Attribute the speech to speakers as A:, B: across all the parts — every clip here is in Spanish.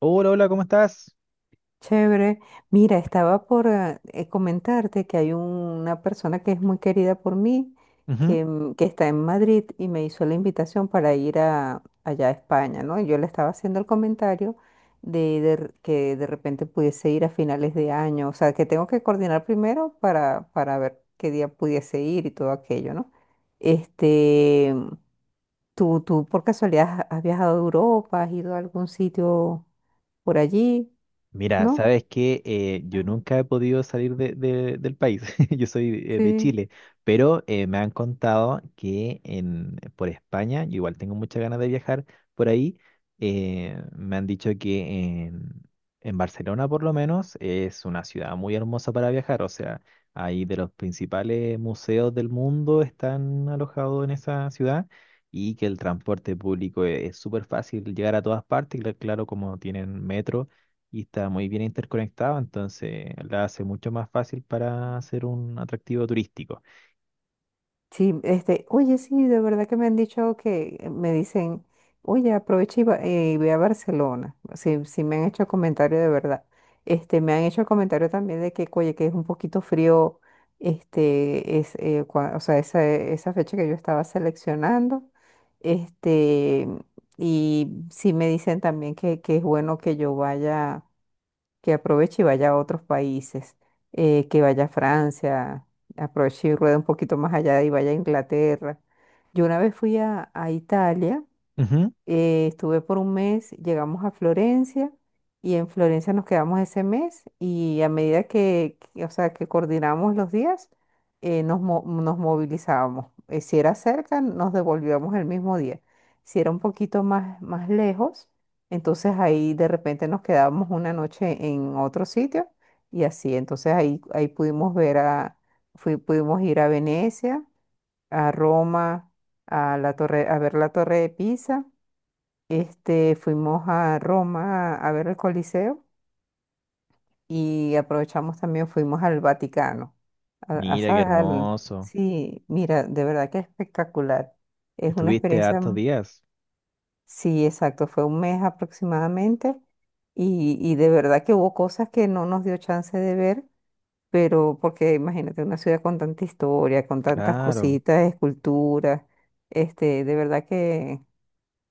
A: Hola, hola, ¿cómo estás?
B: Chévere. Mira, estaba comentarte que hay una persona que es muy querida por mí,
A: Ujú.
B: que está en Madrid y me hizo la invitación para allá a España, ¿no? Y yo le estaba haciendo el comentario que de repente pudiese ir a finales de año, o sea, que tengo que coordinar primero para ver qué día pudiese ir y todo aquello, ¿no? Este, ¿Tú por casualidad has viajado a Europa? ¿Has ido a algún sitio por allí?
A: Mira,
B: ¿No?
A: sabes que yo nunca he podido salir del país, yo soy de
B: Sí.
A: Chile, pero me han contado que en, por España, yo igual tengo muchas ganas de viajar por ahí. Me han dicho que en Barcelona por lo menos es una ciudad muy hermosa para viajar, o sea, ahí de los principales museos del mundo están alojados en esa ciudad y que el transporte público es súper fácil llegar a todas partes, claro, como tienen metro y está muy bien interconectado, entonces la hace mucho más fácil para hacer un atractivo turístico.
B: Sí, este, oye, sí, de verdad que me han dicho que me dicen, oye, aprovecha y ve a Barcelona. Sí, sí me han hecho comentario de verdad. Este, me han hecho comentario también de que, oye, que es un poquito frío, o sea, esa fecha que yo estaba seleccionando. Este, y sí me dicen también que es bueno que yo vaya, que aproveche y vaya a otros países, que vaya a Francia, aproveche y rueda un poquito más allá y vaya a Inglaterra. Yo una vez a Italia,
A: Ujú.
B: estuve por un mes, llegamos a Florencia y en Florencia nos quedamos ese mes y a medida o sea, que coordinamos los días, nos movilizábamos. Si era cerca, nos devolvíamos el mismo día. Si era un poquito más, más lejos, entonces ahí de repente nos quedábamos una noche en otro sitio y así. Entonces ahí pudimos pudimos ir a Venecia, a Roma, a ver la Torre de Pisa. Este, fuimos a Roma a ver el Coliseo y aprovechamos también, fuimos al Vaticano.
A: Mira qué
B: ¿Sabes? Al-
A: hermoso.
B: sí, mira, de verdad que es espectacular. Es una
A: Estuviste
B: experiencia,
A: hartos
B: m-
A: días.
B: sí, exacto, fue un mes aproximadamente y de verdad que hubo cosas que no nos dio chance de ver, pero porque imagínate una ciudad con tanta historia, con tantas
A: Claro.
B: cositas, esculturas, de verdad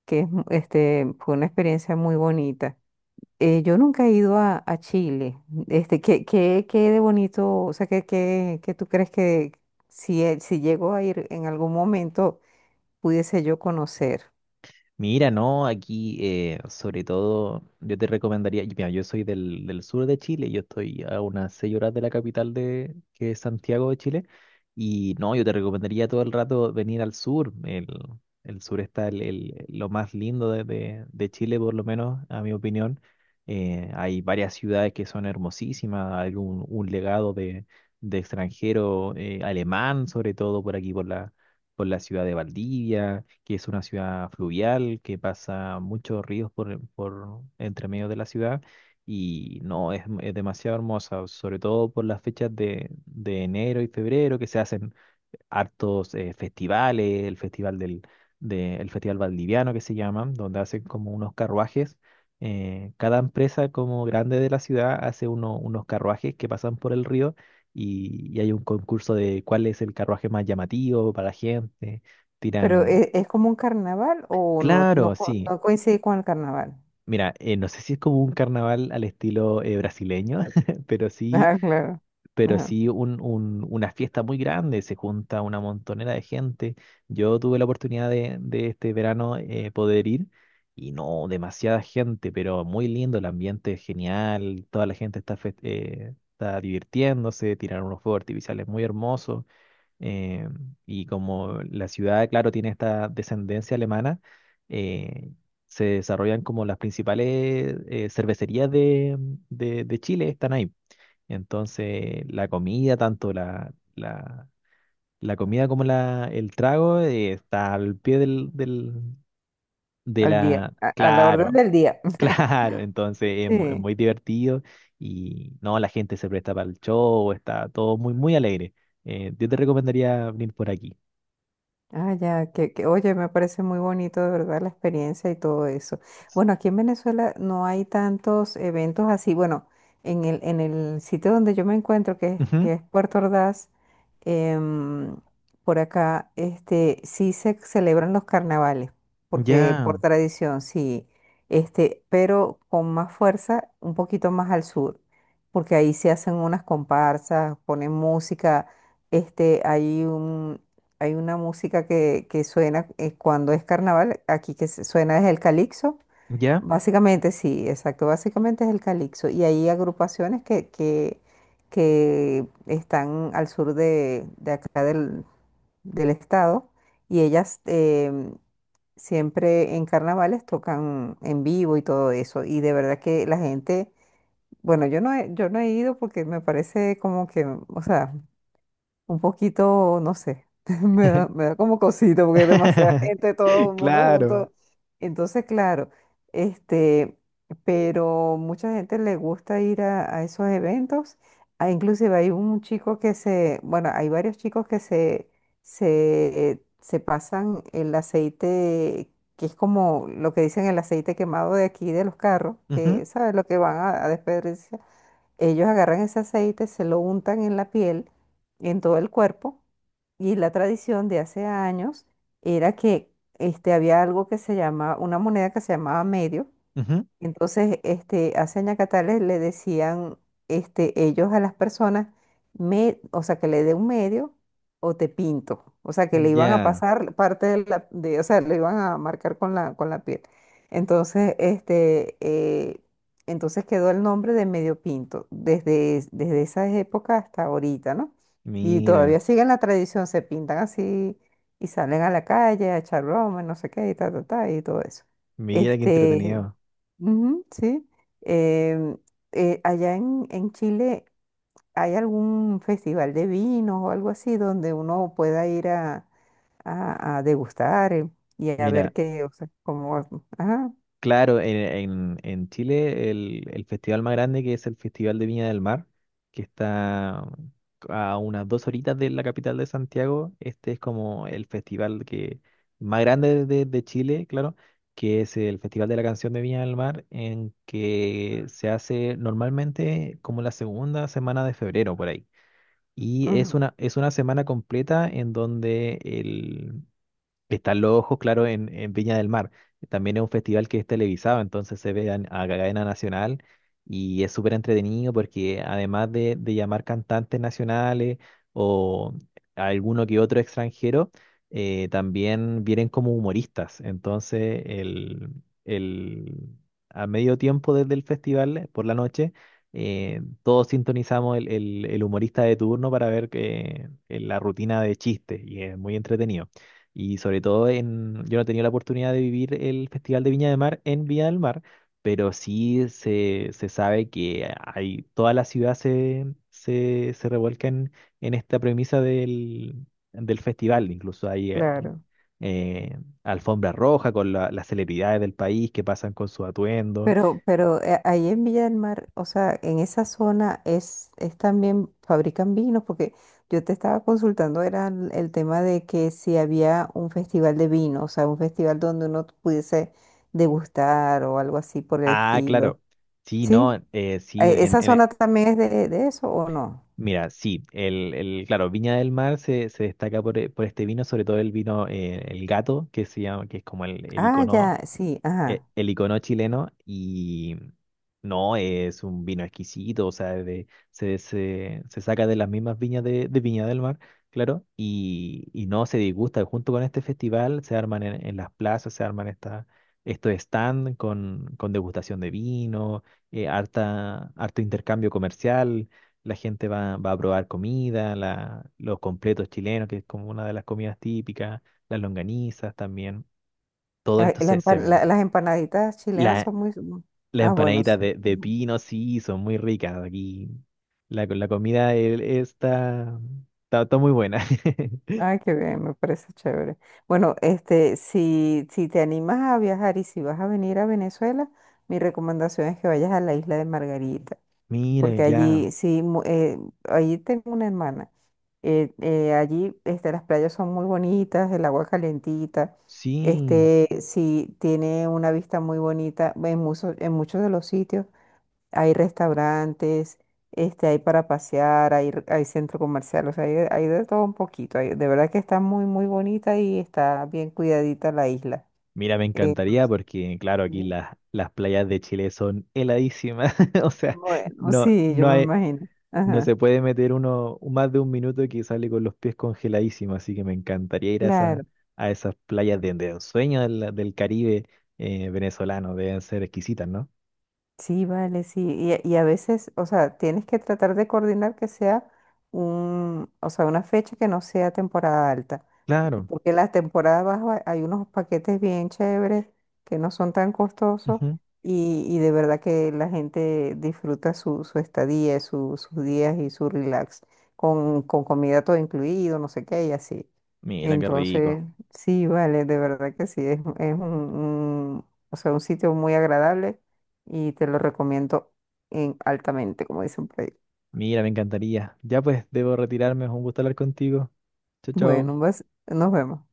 B: que fue una experiencia muy bonita. Yo nunca he a Chile. Este, ¿qué, qué, qué de bonito? O sea, ¿qué, qué, qué tú crees que si, si llego a ir en algún momento pudiese yo conocer?
A: Mira, no, aquí sobre todo yo te recomendaría, y mira, yo soy del sur de Chile, yo estoy a unas 6 horas de la capital de, que es Santiago de Chile, y no, yo te recomendaría todo el rato venir al sur. El sur está lo más lindo de, de Chile, por lo menos, a mi opinión. Hay varias ciudades que son hermosísimas, hay un legado de extranjero alemán, sobre todo por aquí, por la ciudad de Valdivia, que es una ciudad fluvial, que pasa muchos ríos por entre medio de la ciudad. Y no, es demasiado hermosa, sobre todo por las fechas de enero y febrero, que se hacen hartos festivales, el festival del el Festival Valdiviano que se llama, donde hacen como unos carruajes. Cada empresa como grande de la ciudad hace unos carruajes que pasan por el río y hay un concurso de cuál es el carruaje más llamativo para la gente.
B: Pero
A: Tiran,
B: ¿e- es como un carnaval o no, no,
A: claro,
B: co-
A: sí.
B: no coincide con el carnaval?
A: Mira, no sé si es como un carnaval al estilo brasileño, pero sí,
B: Ah, claro.
A: pero sí un, una fiesta muy grande, se junta una montonera de gente. Yo tuve la oportunidad de este verano poder ir y no, demasiada gente, pero muy lindo, el ambiente es genial, toda la gente está, está divirtiéndose, tiraron unos fuegos artificiales muy hermosos. eh, y como la ciudad, claro, tiene esta descendencia alemana, eh, se desarrollan como las principales cervecerías de, de Chile, están ahí. Entonces, la comida, tanto la, la comida como la, el trago, está al pie del, del, de
B: Al día,
A: la...
B: a la orden
A: Claro,
B: del día.
A: claro. Entonces, es
B: Sí.
A: muy divertido y no, la gente se presta para el show, está todo muy, muy alegre. Yo te recomendaría venir por aquí.
B: Ah, ya, que, oye, me parece muy bonito de verdad la experiencia y todo eso. Bueno, aquí en Venezuela no hay tantos eventos así. Bueno, en en el sitio donde yo me encuentro,
A: Ujú.
B: que es Puerto Ordaz, em, por acá, este, sí se celebran los carnavales, porque
A: Ya,
B: por tradición, sí, este, pero con más fuerza, un poquito más al sur, porque ahí se hacen unas comparsas, ponen música, este, hay una música que suena, cuando es carnaval aquí, que se- suena es el calipso.
A: ya.
B: Básicamente, sí, exacto, básicamente es el calipso. Y hay agrupaciones que están al sur de acá del, del estado y ellas, em, siempre en carnavales tocan en vivo y todo eso. Y de verdad que la gente, bueno, yo no he ido porque me parece como que, o sea un poquito, no sé, me da como cosito porque es demasiada gente, todo el mundo
A: Claro.
B: junto. Entonces, claro, este, pero mucha gente le gusta ir a esos eventos. Ah, inclusive hay un chico que se, bueno, hay varios chicos que se pasan el aceite, que es como lo que dicen el aceite quemado de aquí de los carros,
A: Ujú,
B: que, ¿sabes? Lo que van a desperdiciar. Ellos agarran ese aceite, se lo untan en la piel, en todo el cuerpo, y la tradición de hace años era que este, había algo que se llama, una moneda que se llamaba medio,
A: ujú.
B: entonces, hace ñacatales le decían, este, ellos a las personas, me, o sea, que le dé un medio o te pinto. O sea, que le iban a
A: Ya,
B: pasar parte o sea, le iban a marcar con la piel. Entonces, entonces quedó el nombre de medio pinto desde esa época hasta ahorita, ¿no? Y todavía
A: mira,
B: siguen la tradición, se pintan así y salen a la calle a echar broma, no sé qué, y ta, ta, ta, y todo eso.
A: mira qué
B: Este,
A: entretenido.
B: ujú, sí. Em, Allá en Chile, ¿hay algún festival de vinos o algo así donde uno pueda ir a degustar, y a ver
A: Mira.
B: qué, o sea, cómo... Ajá,
A: Claro, en, en Chile el festival más grande que es el Festival de Viña del Mar, que está a unas 2 horitas de la capital de Santiago, este es como el festival que más grande de Chile, claro, que es el Festival de la Canción de Viña del Mar, en que se hace normalmente como la segunda semana de febrero por ahí. Y
B: ujú,
A: es una semana completa en donde están los ojos, claro, en Viña del Mar. También es un festival que es televisado, entonces se ve a cadena nacional y es súper entretenido porque además de llamar cantantes nacionales o alguno que otro extranjero, también vienen como humoristas. Entonces, el, a medio tiempo desde el festival, por la noche, todos sintonizamos el humorista de turno para ver que, la rutina de chistes y es muy entretenido. Y sobre todo en, yo no he tenido la oportunidad de vivir el Festival de Viña del Mar en Viña del Mar, pero sí se sabe que hay, toda la ciudad se revuelca en esta premisa del, del festival. Incluso hay
B: claro.
A: alfombra roja con las celebridades del país que pasan con su atuendo.
B: Pero, pero ahí en Villa del Mar, o sea, en esa zona es también fabrican vinos, porque yo te estaba consultando, era el tema de que si había un festival de vino, o sea, un festival donde uno pudiese degustar o algo así por el
A: Ah,
B: estilo.
A: claro. Sí, no,
B: ¿Sí?
A: sí, en,
B: ¿Esa
A: en,
B: zona también es de eso o no?
A: Mira, sí, claro, Viña del Mar se, se destaca por, por este vino, sobre todo el vino, el gato, que se llama, que es como el
B: Ah,
A: icono,
B: ya, sí, ajá.
A: el icono chileno. Y no, es un vino exquisito, o sea, de- se saca de las mismas viñas de Viña del Mar, claro, y no se disgusta. Junto con este festival se arman en las plazas, se arman estos stand con degustación de vino, harta, harto intercambio comercial. La gente va, va a probar comida, los completos chilenos, que es como una de las comidas típicas, las longanizas también. Todo
B: Ah,
A: esto se, se vende.
B: las empanaditas chilenas
A: La,
B: son muy...
A: las
B: Ah, bueno, sí.
A: empanaditas de pino, sí, son muy ricas aquí. La comida está, está, está muy buena.
B: Ay, qué bien, me parece chévere. Bueno, este, si, si te animas a viajar y si vas a venir a Venezuela, mi recomendación es que vayas a la isla de Margarita,
A: Mira,
B: porque
A: ya,
B: allí sí, allí tengo una hermana. Allí, este, las playas son muy bonitas, el agua calentita,
A: sí.
B: este, sí tiene una vista muy bonita en muchos de los sitios hay restaurantes, este, hay para pasear, hay centro comercial, o sea, hay de todo un poquito. Hay- de verdad que está muy, muy bonita y está bien cuidadita la isla.
A: Mira, me encantaría
B: Entonces,
A: porque, claro, aquí
B: sí,
A: las playas de Chile son heladísimas. O sea,
B: bueno,
A: no,
B: sí, yo
A: no
B: me
A: hay,
B: imagino.
A: no
B: Ajá,
A: se puede meter uno más de un minuto que sale con los pies congeladísimos. Así que me encantaría ir a
B: claro.
A: a esas playas de ensueño del, del Caribe venezolano. Deben ser exquisitas, ¿no?
B: Sí, vale, sí. Y a veces, o sea, tienes que tratar de coordinar que sea un, o sea, una fecha que no sea temporada alta
A: Claro.
B: porque las temporadas bajas hay unos paquetes bien chéveres que no son tan costosos y de verdad que la gente disfruta su, su estadía, sus días y su relax con comida todo incluido, no sé qué y así.
A: Mira, qué rico.
B: Entonces, sí, vale, de verdad que sí, es un, o sea, un sitio muy agradable y te lo recomiendo en, altamente, como dicen por ahí.
A: Mira, me encantaría. Ya pues, debo retirarme. Es un gusto hablar contigo. Chao, chao.
B: Bueno, vas, nos vemos.